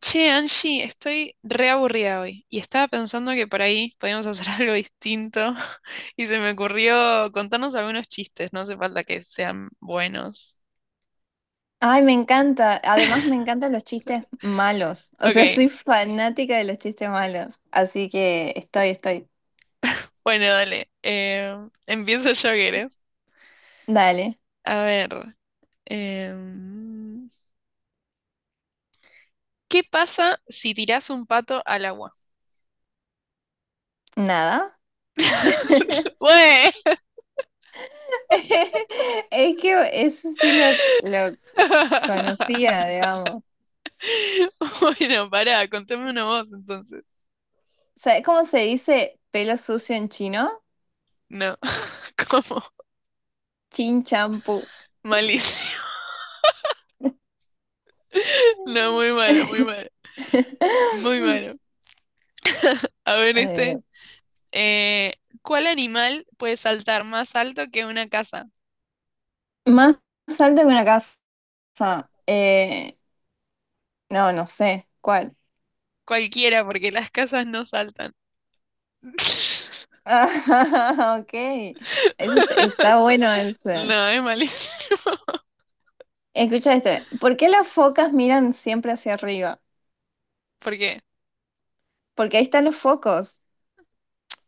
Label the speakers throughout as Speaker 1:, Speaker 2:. Speaker 1: Che, Angie, estoy re aburrida hoy y estaba pensando que por ahí podíamos hacer algo distinto y se me ocurrió contarnos algunos chistes, no hace falta que sean buenos.
Speaker 2: Ay, me encanta. Además, me encantan los chistes malos. O sea,
Speaker 1: Ok,
Speaker 2: soy fanática de los chistes malos. Así que estoy.
Speaker 1: bueno, dale. Empiezo yo, ¿querés?
Speaker 2: Dale.
Speaker 1: A ver, em, ¿qué pasa si tirás un pato al agua?
Speaker 2: Nada.
Speaker 1: ¡Güey!
Speaker 2: Es que eso sí lo conocía, digamos.
Speaker 1: Bueno, pará, contame una voz entonces.
Speaker 2: ¿Sabes cómo se dice pelo sucio en chino?
Speaker 1: No, ¿cómo?
Speaker 2: Chin champú.
Speaker 1: Malísimo. No, muy malo, muy malo. Muy malo. A ver este.
Speaker 2: A.
Speaker 1: Eh, ¿cuál animal puede saltar más alto que una casa?
Speaker 2: Más alto que una casa. Eh, no sé. ¿Cuál?
Speaker 1: Cualquiera, porque las casas no saltan.
Speaker 2: Ah, ok. Ese está bueno ese.
Speaker 1: No, es malísimo.
Speaker 2: Escucha este. ¿Por qué las focas miran siempre hacia arriba?
Speaker 1: ¿Por qué?
Speaker 2: Porque ahí están los focos.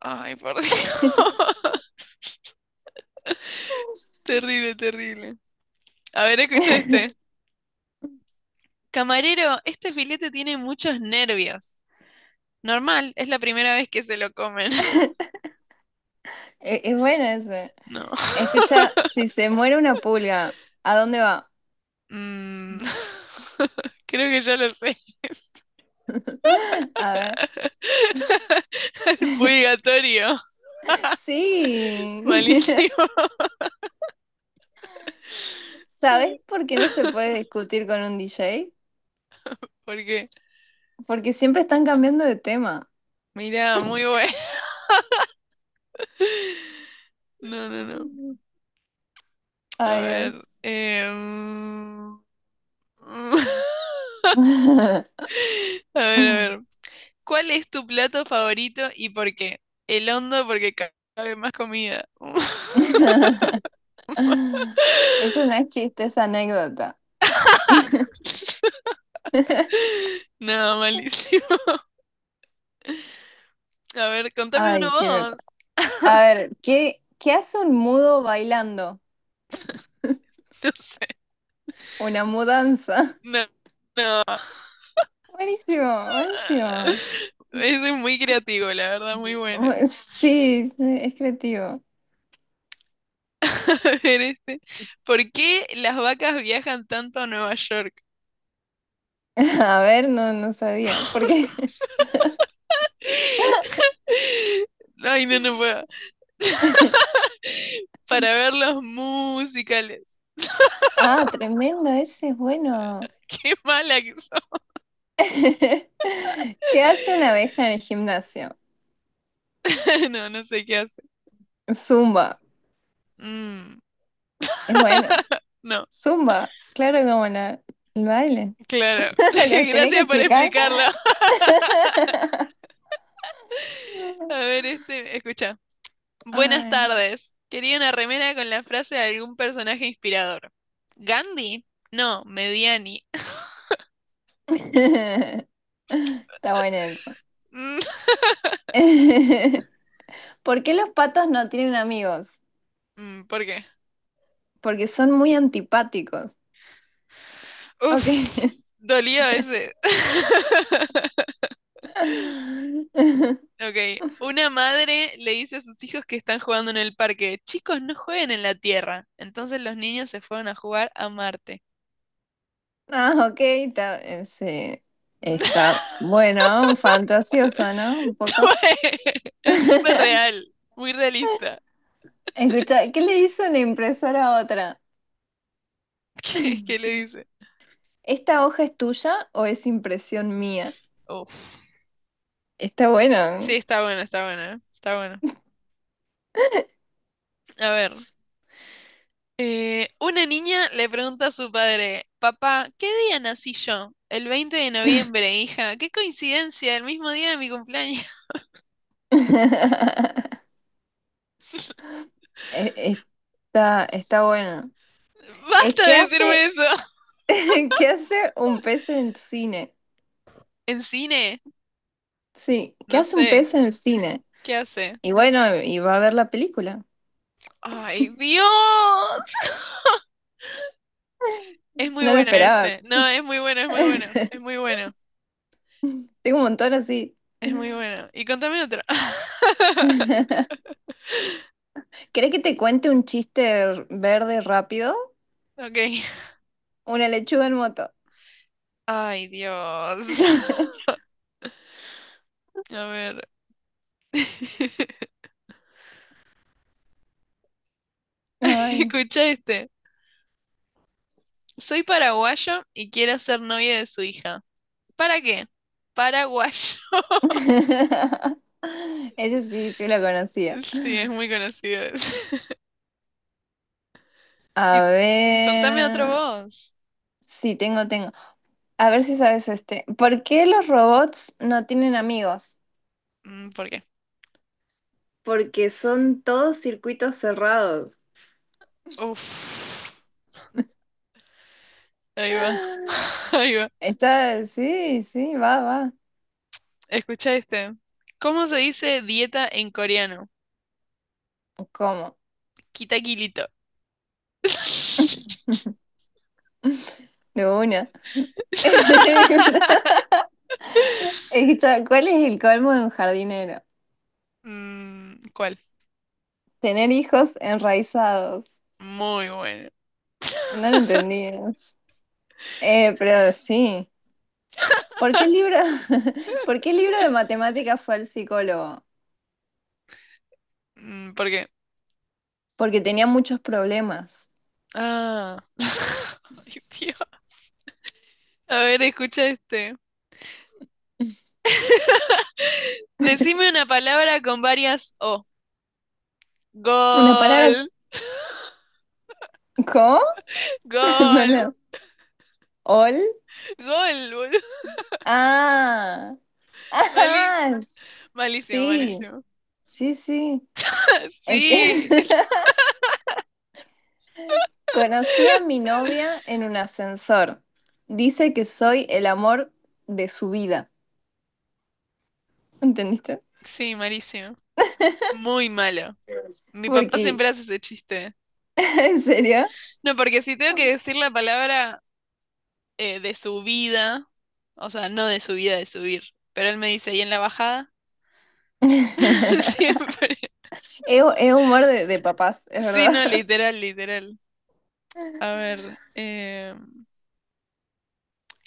Speaker 1: Ay, por Dios. Terrible, terrible. A ver, escucha este. Camarero, este filete tiene muchos nervios. Normal, es la primera vez que se lo comen.
Speaker 2: Es bueno ese.
Speaker 1: No.
Speaker 2: Escucha, si se muere una pulga, ¿a dónde va?
Speaker 1: Mm. Creo que ya lo sé.
Speaker 2: A ver.
Speaker 1: Purgatorio.
Speaker 2: Sí.
Speaker 1: Malísimo.
Speaker 2: ¿Sabes por qué no se puede discutir con un DJ?
Speaker 1: ¿Por qué?
Speaker 2: Porque siempre están cambiando de tema.
Speaker 1: Mira, muy bueno. No, no, no. A
Speaker 2: Ay,
Speaker 1: ver.
Speaker 2: Dios.
Speaker 1: A ver, a ver. ¿Cuál es tu plato favorito y por qué? El hondo porque cabe más comida.
Speaker 2: Eso no es chiste, es anécdota.
Speaker 1: No, malísimo. A ver, contame uno
Speaker 2: Ay, quiero.
Speaker 1: vos.
Speaker 2: A ver, ¿qué hace un mudo bailando?
Speaker 1: No sé.
Speaker 2: Una mudanza.
Speaker 1: No.
Speaker 2: Buenísimo, buenísimo.
Speaker 1: Ese es muy creativo, la verdad, muy
Speaker 2: Bu-
Speaker 1: bueno.
Speaker 2: Sí, es creativo.
Speaker 1: A ver, este. ¿Por qué las vacas viajan tanto a Nueva York?
Speaker 2: A ver, no sabía. Porque.
Speaker 1: Ay, no, no puedo. Para ver los musicales.
Speaker 2: Ah, tremendo, ese es bueno.
Speaker 1: Qué mala que soy.
Speaker 2: ¿Qué hace una abeja en el gimnasio?
Speaker 1: No, no sé qué hace.
Speaker 2: Zumba.
Speaker 1: Mm,
Speaker 2: Es bueno.
Speaker 1: no,
Speaker 2: Zumba. Claro, como el baile.
Speaker 1: claro.
Speaker 2: Lo tenía que
Speaker 1: Gracias por
Speaker 2: explicar.
Speaker 1: explicarlo. A ver, este, escucha. Buenas
Speaker 2: Ay.
Speaker 1: tardes. Quería una remera con la frase de algún personaje inspirador. ¿Gandhi? No, Mediani.
Speaker 2: Está bueno eso.
Speaker 1: Mm,
Speaker 2: ¿Por qué los patos no tienen amigos?
Speaker 1: ¿por qué?
Speaker 2: Porque son muy antipáticos. Ok.
Speaker 1: Uf, dolió ese. Ok. Una madre le dice a sus hijos que están jugando en el parque, chicos, no jueguen en la Tierra. Entonces los niños se fueron a jugar a Marte.
Speaker 2: Ah, ok, está, sí. Está bueno, fantasioso, ¿no? Un poco.
Speaker 1: Es súper real, muy realista.
Speaker 2: Escucha, ¿qué le hizo una impresora a otra?
Speaker 1: ¿Qué le dice?
Speaker 2: ¿Esta hoja es tuya o es impresión mía?
Speaker 1: Uf.
Speaker 2: Está
Speaker 1: Sí,
Speaker 2: bueno.
Speaker 1: está buena, está buena, está buena. A ver, una niña le pregunta a su padre, papá, ¿qué día nací yo? El 20 de noviembre, hija. Qué coincidencia, el mismo día de mi cumpleaños.
Speaker 2: E- Está bueno. Es
Speaker 1: Basta
Speaker 2: que
Speaker 1: de decirme
Speaker 2: hace,
Speaker 1: eso.
Speaker 2: ¿qué hace un pez en el cine?
Speaker 1: ¿En cine?
Speaker 2: Sí, ¿qué
Speaker 1: No
Speaker 2: hace un pez
Speaker 1: sé.
Speaker 2: en el cine?
Speaker 1: ¿Qué hace?
Speaker 2: Y bueno, y va a ver la película.
Speaker 1: ¡Ay, Dios! Es muy
Speaker 2: No lo
Speaker 1: bueno
Speaker 2: esperaba.
Speaker 1: ese. No, es muy bueno, es muy bueno, es muy bueno.
Speaker 2: Tengo un montón así.
Speaker 1: Es muy bueno. Y contame otra.
Speaker 2: ¿Querés que te cuente un chiste r- verde rápido?
Speaker 1: Ok.
Speaker 2: Una lechuga en moto.
Speaker 1: Ay, Dios. A ver.
Speaker 2: Ay.
Speaker 1: Escucha este. Soy paraguayo y quiero ser novia de su hija. ¿Para qué? Paraguayo.
Speaker 2: Ese sí, sí lo conocía.
Speaker 1: Sí, es muy conocido ese.
Speaker 2: A
Speaker 1: Y contame otro
Speaker 2: ver.
Speaker 1: vos.
Speaker 2: Sí, tengo. A ver si sabes este. ¿Por qué los robots no tienen amigos?
Speaker 1: ¿Por qué?
Speaker 2: Porque son todos circuitos cerrados.
Speaker 1: Uf. Ahí va. Ahí va.
Speaker 2: Está, sí, sí, va, va.
Speaker 1: Escucha este. ¿Cómo se dice dieta en coreano?
Speaker 2: ¿Cómo?
Speaker 1: Kita kilito.
Speaker 2: De una. Escucha, ¿cuál es el colmo de un jardinero?
Speaker 1: ¿Cuál?
Speaker 2: Tener hijos enraizados.
Speaker 1: Muy bueno.
Speaker 2: No lo entendí eso. Pero sí. ¿Por qué el libro, ¿por qué el libro de matemáticas fue al psicólogo?
Speaker 1: Porque.
Speaker 2: Porque tenía muchos problemas.
Speaker 1: Ah. Ay, Dios. A ver, escucha este. Decime una palabra con varias O.
Speaker 2: ¿Una palabra
Speaker 1: Gol,
Speaker 2: co? No,
Speaker 1: gol,
Speaker 2: no. ¿Ol?
Speaker 1: gol, boludo.
Speaker 2: Ah.
Speaker 1: Mali-
Speaker 2: Ah,
Speaker 1: malísimo,
Speaker 2: sí.
Speaker 1: malísimo.
Speaker 2: Sí, sí. Es que
Speaker 1: Sí,
Speaker 2: conocí a mi novia en un ascensor. Dice que soy el amor de su vida. ¿Entendiste?
Speaker 1: sí, malísimo. Muy malo. Mi papá
Speaker 2: Porque,
Speaker 1: siempre hace ese chiste.
Speaker 2: ¿en serio?
Speaker 1: No, porque si tengo que decir la palabra de subida, o sea, no de subida, de subir, pero él me dice, ¿y en la bajada? Siempre.
Speaker 2: Es humor de papás, es
Speaker 1: Sí,
Speaker 2: verdad.
Speaker 1: no, literal, literal. A ver,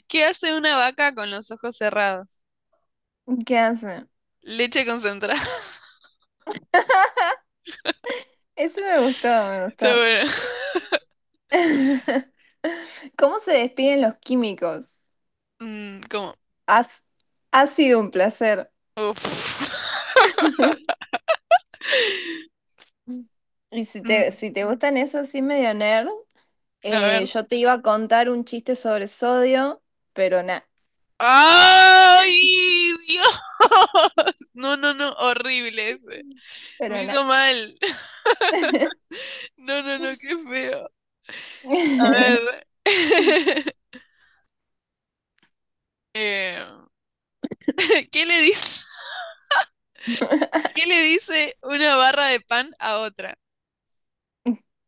Speaker 1: ¿qué hace una vaca con los ojos cerrados?
Speaker 2: ¿Qué hace?
Speaker 1: Leche concentrada.
Speaker 2: Ese me gustó, me
Speaker 1: Está
Speaker 2: gustó.
Speaker 1: bueno.
Speaker 2: ¿Cómo se despiden los químicos?
Speaker 1: ¿Cómo?
Speaker 2: Has- ha sido un placer.
Speaker 1: Uf.
Speaker 2: Y si
Speaker 1: Mm,
Speaker 2: si te gustan esos así medio nerd.
Speaker 1: a ver.
Speaker 2: Yo te iba a contar un chiste sobre sodio, pero nada,
Speaker 1: ¡Ay, Dios! No, no, no, horrible ese. Me
Speaker 2: pero nada.
Speaker 1: hizo mal. No, no, no, qué feo. A ver. Eh, ¿qué le dice, qué le dice una barra de pan a otra?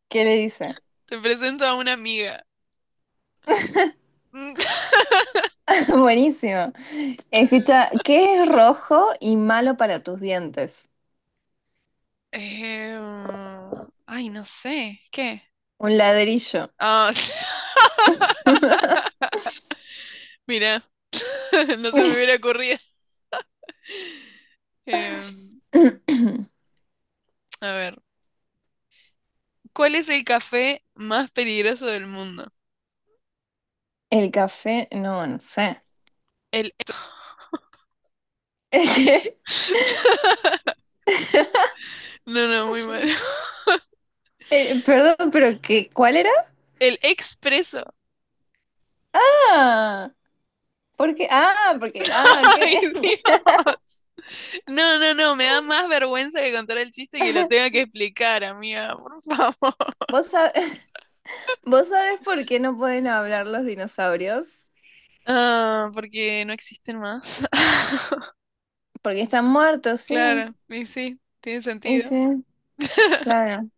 Speaker 2: ¿Qué le dice?
Speaker 1: Te presento a una amiga.
Speaker 2: Buenísimo. Escucha, ¿qué es rojo y malo para tus dientes?
Speaker 1: Eh, ay, no sé. ¿Qué?
Speaker 2: Un ladrillo.
Speaker 1: Ah, mira, no se me hubiera ocurrido. Eh, a ver, ¿cuál es el café más peligroso del mundo?
Speaker 2: El café, no, no sé.
Speaker 1: El. No, no, muy mal.
Speaker 2: Perdón, pero qué, ¿cuál era?
Speaker 1: El expreso.
Speaker 2: Ah, ¿por qué? Ah, porque, ah, ¿qué?
Speaker 1: Ay, Dios. No, no, no, me da más vergüenza que contar el chiste y que lo tenga que explicar, amiga, por favor.
Speaker 2: ¿Vos sab- vos sabés por qué no pueden hablar los dinosaurios?
Speaker 1: Ah, porque no existen más.
Speaker 2: Porque están muertos, sí.
Speaker 1: Claro, y sí, tiene sentido.
Speaker 2: Ese, claro.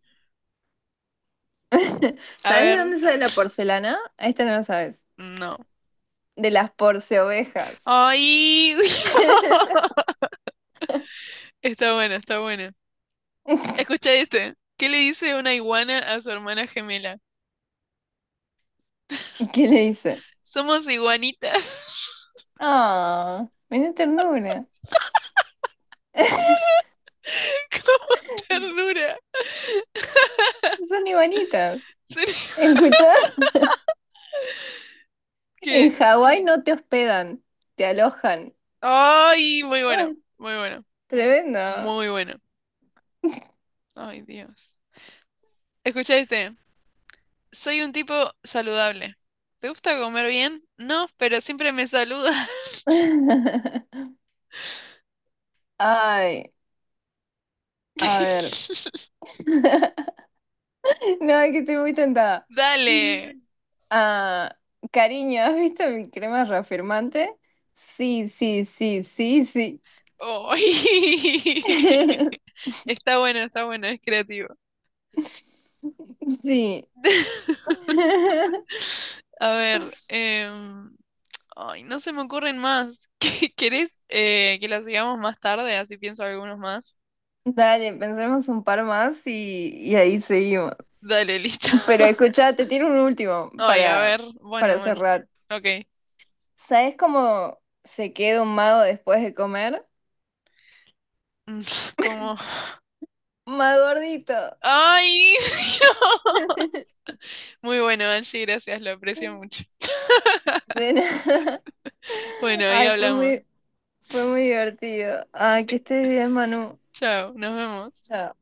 Speaker 1: A
Speaker 2: ¿Sabes de
Speaker 1: ver,
Speaker 2: dónde sale la porcelana? Esta no lo sabes.
Speaker 1: no.
Speaker 2: De las porceovejas.
Speaker 1: Ay, está bueno, está bueno. Escucha este. ¿Qué le dice una iguana a su hermana gemela?
Speaker 2: ¿Qué le dice?
Speaker 1: Somos iguanitas.
Speaker 2: Ah, menuda ternura.
Speaker 1: Como ternura.
Speaker 2: Son iguanitas. ¿Escuchá? En
Speaker 1: ¿Qué?
Speaker 2: Hawái no te hospedan, te alojan.
Speaker 1: Ay, muy bueno,
Speaker 2: Ay,
Speaker 1: muy bueno,
Speaker 2: tremendo.
Speaker 1: muy bueno. Ay, Dios. Escucha este. Soy un tipo saludable. ¿Te gusta comer bien? No, pero siempre me saluda.
Speaker 2: Ay, a ver. No, es que estoy muy tentada.
Speaker 1: Dale.
Speaker 2: Ah, cariño, ¿has visto mi crema reafirmante? Sí, sí, sí, sí, sí.
Speaker 1: Ay. Está bueno, es creativo.
Speaker 2: Sí.
Speaker 1: A ver, ay, no se me ocurren más. ¿Querés que las sigamos más tarde? Así pienso algunos más.
Speaker 2: Dale, pensemos un par más y ahí seguimos.
Speaker 1: Dale, listo.
Speaker 2: Pero escucha, te tiro un último
Speaker 1: Ay, a ver, bueno,
Speaker 2: para
Speaker 1: bueno,
Speaker 2: cerrar.
Speaker 1: ok.
Speaker 2: ¿Sabes cómo se queda un mago después de comer?
Speaker 1: Mm, ¿Cómo?
Speaker 2: Más gordito.
Speaker 1: ¡Ay! Muy bueno, Angie, gracias, lo aprecio mucho.
Speaker 2: De nada.
Speaker 1: Bueno, ahí
Speaker 2: Ay,
Speaker 1: hablamos.
Speaker 2: fue muy divertido. Ay, que estés bien, Manu.
Speaker 1: Chao, nos vemos.
Speaker 2: Chao.